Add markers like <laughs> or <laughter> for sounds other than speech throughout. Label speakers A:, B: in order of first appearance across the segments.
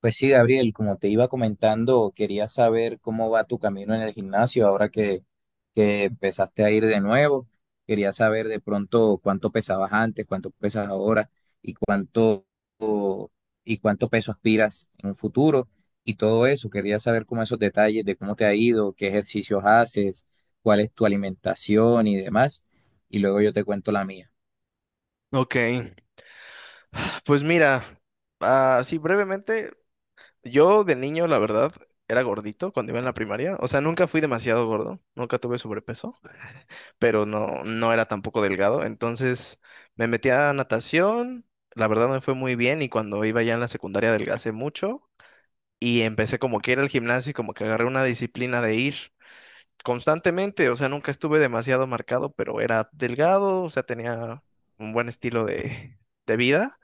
A: Pues sí, Gabriel, como te iba comentando, quería saber cómo va tu camino en el gimnasio ahora que empezaste a ir de nuevo. Quería saber de pronto cuánto pesabas antes, cuánto pesas ahora y cuánto y cuánto peso aspiras en un futuro y todo eso. Quería saber cómo esos detalles de cómo te ha ido, qué ejercicios haces, cuál es tu alimentación y demás. Y luego yo te cuento la mía.
B: Ok, pues mira, así brevemente, yo de niño, la verdad, era gordito cuando iba en la primaria. O sea, nunca fui demasiado gordo, nunca tuve sobrepeso, pero no, no era tampoco delgado. Entonces me metí a natación, la verdad me fue muy bien y cuando iba ya en la secundaria adelgacé mucho y empecé como que ir al gimnasio y como que agarré una disciplina de ir constantemente. O sea, nunca estuve demasiado marcado, pero era delgado, o sea, tenía un buen estilo de vida.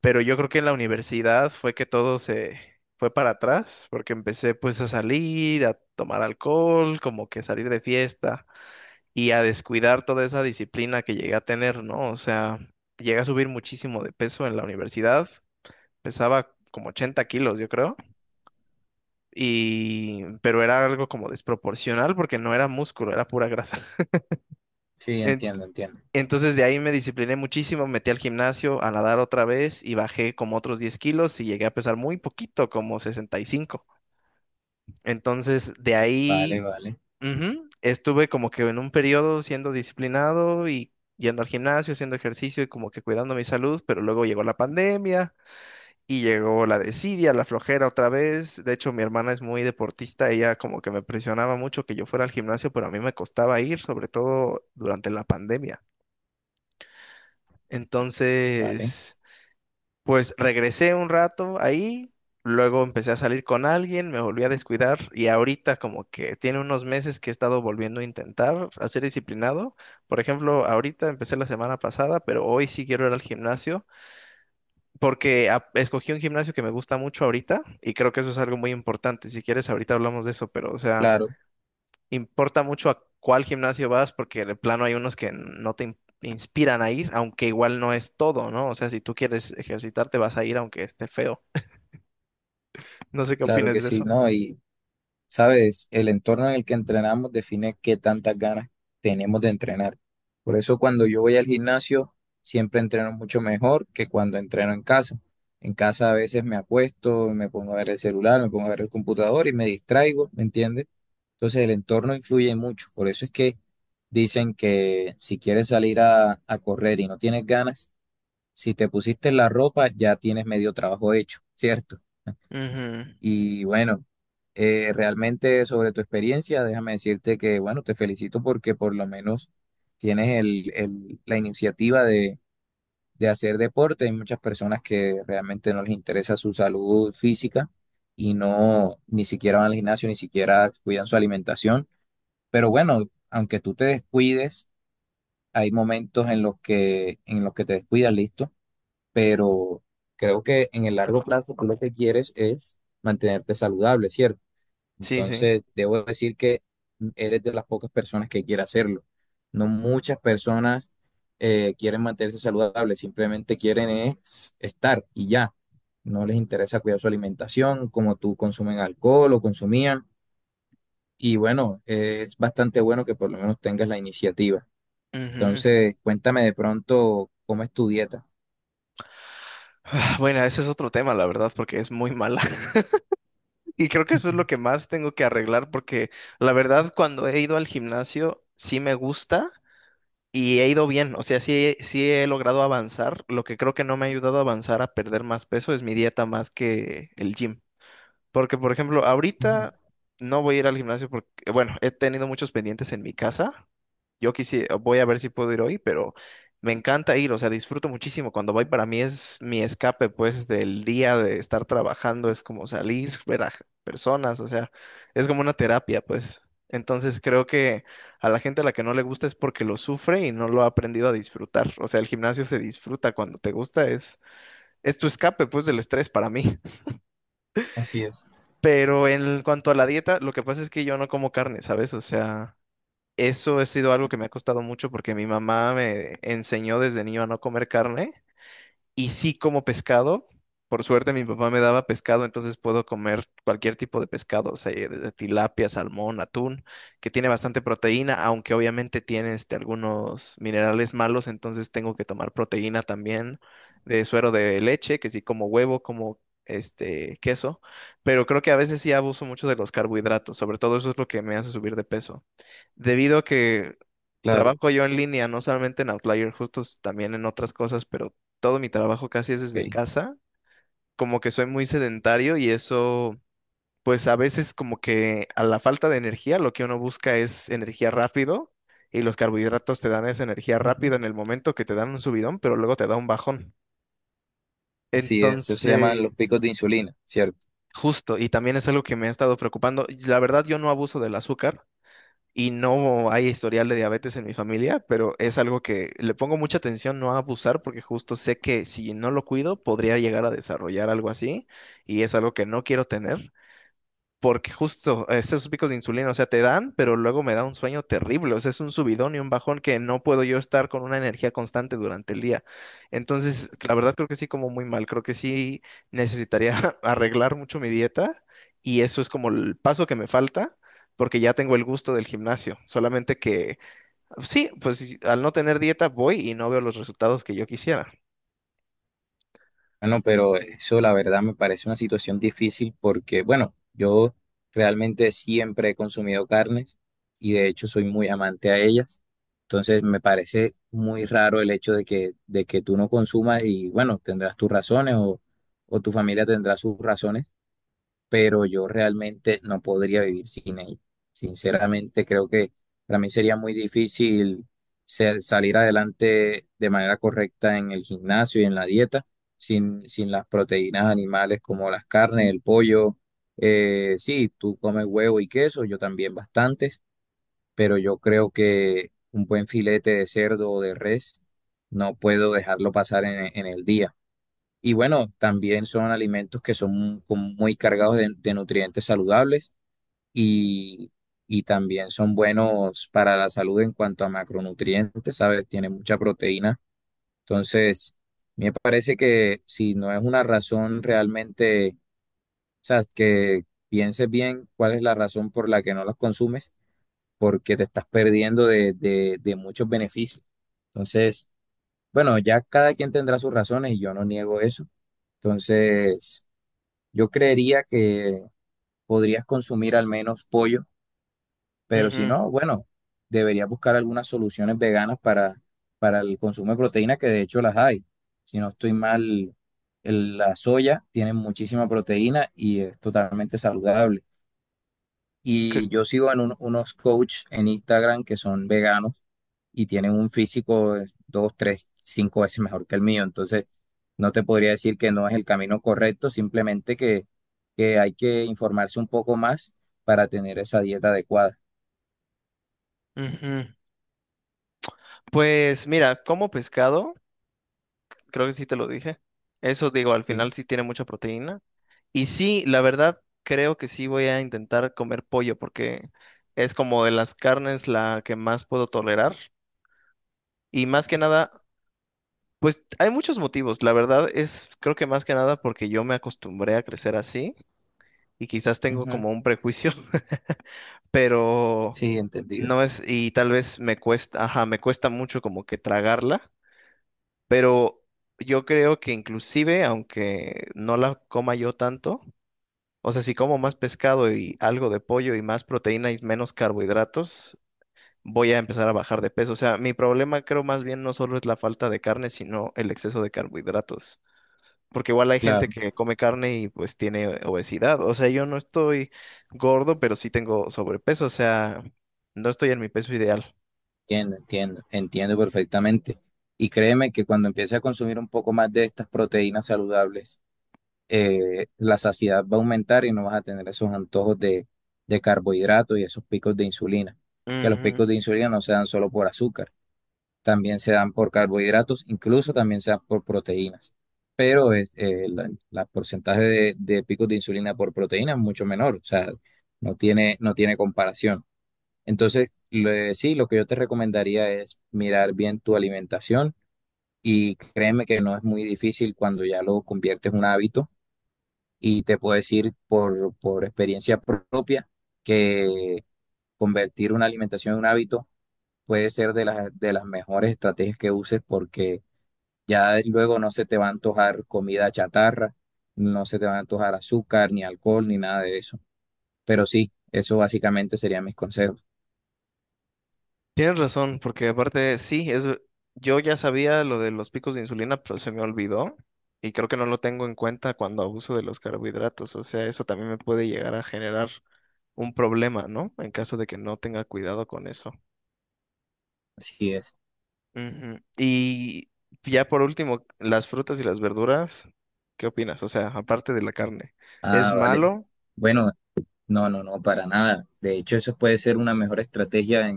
B: Pero yo creo que en la universidad fue que todo se fue para atrás, porque empecé pues a salir, a tomar alcohol, como que salir de fiesta y a descuidar toda esa disciplina que llegué a tener, ¿no? O sea, llegué a subir muchísimo de peso en la universidad, pesaba como 80 kilos, yo creo, y pero era algo como desproporcional porque no era músculo, era pura grasa. <laughs>
A: Sí,
B: En-
A: entiendo, entiendo.
B: Entonces de ahí me discipliné muchísimo, me metí al gimnasio a nadar otra vez y bajé como otros 10 kilos y llegué a pesar muy poquito, como 65. Entonces de
A: Vale,
B: ahí.
A: vale,
B: Ujú, estuve como que en un periodo siendo disciplinado y yendo al gimnasio, haciendo ejercicio y como que cuidando mi salud, pero luego llegó la pandemia y llegó la desidia, la flojera otra vez. De hecho, mi hermana es muy deportista, ella como que me presionaba mucho que yo fuera al gimnasio, pero a mí me costaba ir, sobre todo durante la pandemia.
A: vale.
B: Entonces... Pues regresé un rato ahí, luego empecé a salir con alguien, me volví a descuidar y ahorita como que tiene unos meses que he estado volviendo a intentar a ser disciplinado. Por ejemplo, ahorita empecé la semana pasada, pero hoy sí quiero ir al gimnasio porque escogí un gimnasio que me gusta mucho ahorita y creo que eso es algo muy importante. Si quieres, ahorita hablamos de eso, pero o sea,
A: Claro,
B: importa mucho a cuál gimnasio vas porque de plano hay unos que no te inspiran a ir, aunque igual no es todo, ¿no? O sea, si tú quieres ejercitarte, vas a ir aunque esté feo. No sé qué
A: claro
B: opinas
A: que
B: de
A: sí,
B: eso.
A: ¿no? Y sabes, el entorno en el que entrenamos define qué tantas ganas tenemos de entrenar. Por eso cuando yo voy al gimnasio, siempre entreno mucho mejor que cuando entreno en casa. En casa a veces me acuesto, me pongo a ver el celular, me pongo a ver el computador y me distraigo, ¿me entiendes? Entonces el entorno influye mucho. Por eso es que dicen que si quieres salir a correr y no tienes ganas, si te pusiste la ropa ya tienes medio trabajo hecho, ¿cierto?
B: Ujú,
A: Y bueno, realmente sobre tu experiencia, déjame decirte que, bueno, te felicito porque por lo menos tienes la iniciativa de hacer deporte. Hay muchas personas que realmente no les interesa su salud física y no, ni siquiera van al gimnasio, ni siquiera cuidan su alimentación. Pero bueno, aunque tú te descuides, hay momentos en los que te descuidas, listo. Pero creo que en el largo plazo tú lo que quieres es mantenerte saludable, ¿cierto?
B: sí, sí.
A: Entonces, debo decir que eres de las pocas personas que quiere hacerlo. No muchas personas quieren mantenerse saludables, simplemente quieren es estar y ya. No les interesa cuidar su alimentación, como tú consumen alcohol o consumían. Y bueno, es bastante bueno que por lo menos tengas la iniciativa.
B: Ujú.
A: Entonces, cuéntame de pronto cómo es tu dieta.
B: Ah, bueno, ese es otro tema, la verdad, porque es muy mala. <laughs> Y creo que eso es lo que más tengo que arreglar, porque la verdad, cuando he ido al gimnasio, sí me gusta y he ido bien. O sea, sí, sí he logrado avanzar. Lo que creo que no me ha ayudado a avanzar a perder más peso es mi dieta más que el gym. Porque, por ejemplo,
A: Ujú.
B: ahorita no voy a ir al gimnasio porque, bueno, he tenido muchos pendientes en mi casa. Yo quisiera, voy a ver si puedo ir hoy, pero me encanta ir, o sea, disfruto muchísimo. Cuando voy para mí es mi escape, pues, del día de estar trabajando, es como salir, ver a personas, o sea, es como una terapia, pues. Entonces creo que a la gente a la que no le gusta es porque lo sufre y no lo ha aprendido a disfrutar. O sea, el gimnasio se disfruta cuando te gusta, es tu escape, pues, del estrés para mí. <laughs>
A: Así es.
B: Pero en cuanto a la dieta, lo que pasa es que yo no como carne, ¿sabes? O sea... Eso ha sido algo que me ha costado mucho porque mi mamá me enseñó desde niño a no comer carne y sí como pescado. Por suerte mi papá me daba pescado, entonces puedo comer cualquier tipo de pescado, o sea, desde tilapia, salmón, atún, que tiene bastante proteína, aunque obviamente tiene algunos minerales malos, entonces tengo que tomar proteína también de suero de leche, que sí como huevo, como este queso, pero creo que a veces sí abuso mucho de los carbohidratos, sobre todo eso es lo que me hace subir de peso debido a que
A: Claro,
B: trabajo yo en línea, no solamente en Outlier, justo también en otras cosas, pero todo mi trabajo casi es desde
A: ok.
B: casa. Como que soy muy sedentario y eso, pues a veces como que a la falta de energía, lo que uno busca es energía rápido y los carbohidratos te dan esa energía
A: Ujú.
B: rápida en el momento que te dan un subidón, pero luego te da un bajón.
A: Así es, eso se llaman
B: Entonces,
A: los picos de insulina, ¿cierto?
B: justo, Y también es algo que me ha estado preocupando. Y la verdad, yo no abuso del azúcar, y no hay historial de diabetes en mi familia, pero es algo que le pongo mucha atención no a abusar porque justo sé que si no lo cuido podría llegar a desarrollar algo así y es algo que no quiero tener. Porque justo esos picos de insulina, o sea, te dan, pero luego me da un sueño terrible, o sea, es un subidón y un bajón que no puedo yo estar con una energía constante durante el día. Entonces, la verdad creo que sí como muy mal, creo que sí necesitaría <laughs> arreglar mucho mi dieta y eso es como el paso que me falta porque ya tengo el gusto del gimnasio, solamente que sí, pues sí, al no tener dieta voy y no veo los resultados que yo quisiera.
A: Bueno, pero eso la verdad me parece una situación difícil porque, bueno, yo realmente siempre he consumido carnes y de hecho soy muy amante a ellas. Entonces me parece muy raro el hecho de que tú no consumas y, bueno, tendrás tus razones o tu familia tendrá sus razones pero yo realmente no podría vivir sin ella. Sinceramente, creo que para mí sería muy difícil salir adelante de manera correcta en el gimnasio y en la dieta sin las proteínas animales como las carnes, el pollo. Sí, tú comes huevo y queso, yo también bastantes, pero yo creo que un buen filete de cerdo o de res no puedo dejarlo pasar en el día. Y bueno, también son alimentos que son como muy cargados de nutrientes saludables y, y también son buenos para la salud en cuanto a macronutrientes, ¿sabes? Tiene mucha proteína. Entonces, me parece que si no es una razón realmente, o sea, que pienses bien cuál es la razón por la que no los consumes, porque te estás perdiendo de muchos beneficios. Entonces, bueno, ya cada quien tendrá sus razones y yo no niego eso. Entonces... Yo creería que podrías consumir al menos pollo, pero si
B: Ujú,
A: no, bueno, deberías buscar algunas soluciones veganas para el consumo de proteína, que de hecho las hay. Si no estoy mal, la soya tiene muchísima proteína y es totalmente saludable. Y
B: que-
A: yo sigo en unos coach en Instagram que son veganos y tienen un físico de dos, tres, cinco veces mejor que el mío. Entonces, no te podría decir que no es el camino correcto, simplemente que hay que informarse un poco más para tener esa dieta adecuada.
B: ujú. Pues mira, como pescado, creo que sí te lo dije. Eso digo, al
A: Sí.
B: final sí tiene mucha proteína. Y sí, la verdad, creo que sí voy a intentar comer pollo porque es como de las carnes la que más puedo tolerar. Y más que nada, pues hay muchos motivos. La verdad es, creo que más que nada porque yo me acostumbré a crecer así y quizás tengo
A: Ujú.
B: como un prejuicio, <laughs> pero
A: Sí, entendido.
B: no es, y tal vez me cuesta, ajá, me cuesta mucho como que tragarla. Pero yo creo que inclusive, aunque no la coma yo tanto, o sea, si como más pescado y algo de pollo y más proteína y menos carbohidratos, voy a empezar a bajar de peso. O sea, mi problema creo más bien no solo es la falta de carne, sino el exceso de carbohidratos. Porque igual hay gente
A: Claro,
B: que come carne y pues tiene obesidad. O sea, yo no estoy gordo, pero sí tengo sobrepeso. O sea, no estoy en mi peso ideal.
A: entiendo, entiendo, entiendo perfectamente. Y créeme que cuando empiece a consumir un poco más de estas proteínas saludables, la saciedad va a aumentar y no vas a tener esos antojos de carbohidratos y esos picos de insulina, que los
B: Ujú.
A: picos de insulina no se dan solo por azúcar, también se dan por carbohidratos, incluso también se dan por proteínas, pero es, la porcentaje de picos de insulina por proteína es mucho menor, o sea, no tiene comparación. Entonces, sí, lo que yo te recomendaría es mirar bien tu alimentación y créeme que no es muy difícil cuando ya lo conviertes en un hábito y te puedo decir por experiencia propia que convertir una alimentación en un hábito puede ser de las mejores estrategias que uses porque ya luego no se te va a antojar comida chatarra, no se te va a antojar azúcar, ni alcohol, ni nada de eso. Pero sí, eso básicamente serían mis consejos.
B: Tienes razón, porque aparte sí, yo ya sabía lo de los picos de insulina, pero se me olvidó y creo que no lo tengo en cuenta cuando abuso de los carbohidratos, o sea, eso también me puede llegar a generar un problema, ¿no? En caso de que no tenga cuidado con eso.
A: Así es.
B: Ujú. Y ya por último, las frutas y las verduras, ¿qué opinas? O sea, aparte de la carne, ¿es
A: Ah, vale.
B: malo?
A: Bueno, no, no, no, para nada. De hecho, eso puede ser una mejor estrategia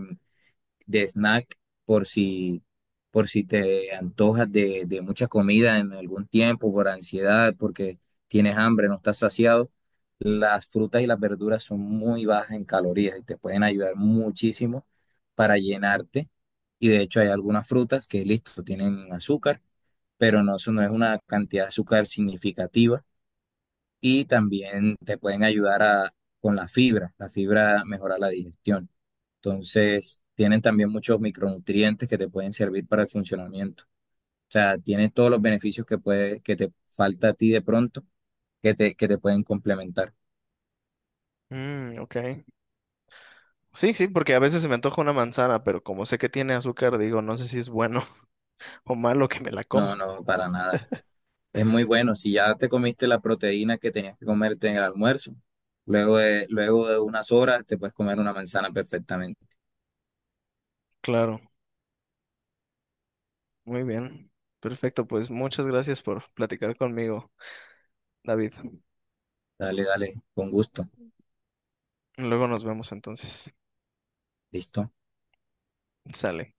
A: de snack por si, por si te antojas de mucha comida en algún tiempo, por ansiedad, porque tienes hambre, no estás saciado. Las frutas y las verduras son muy bajas en calorías y te pueden ayudar muchísimo para llenarte. Y de hecho hay algunas frutas que, listo, tienen azúcar, pero no, eso no es una cantidad de azúcar significativa. Y también te pueden ayudar a, con la fibra mejora la digestión. Entonces, tienen también muchos micronutrientes que te pueden servir para el funcionamiento. O sea, tienen todos los beneficios que puede, que te falta a ti de pronto, que te pueden complementar.
B: Mm, ok. Sí, sí, porque a veces se me antoja una manzana, pero como sé que tiene azúcar, digo, no sé si es bueno <laughs> o malo que me la
A: No,
B: coma.
A: no, para nada. Es muy bueno. Si ya te comiste la proteína que tenías que comerte en el almuerzo, luego de unas horas te puedes comer una manzana perfectamente.
B: Claro. Muy bien. Perfecto, pues muchas gracias por platicar conmigo, David.
A: Dale, dale, con gusto.
B: Luego nos vemos entonces.
A: Listo.
B: Sale.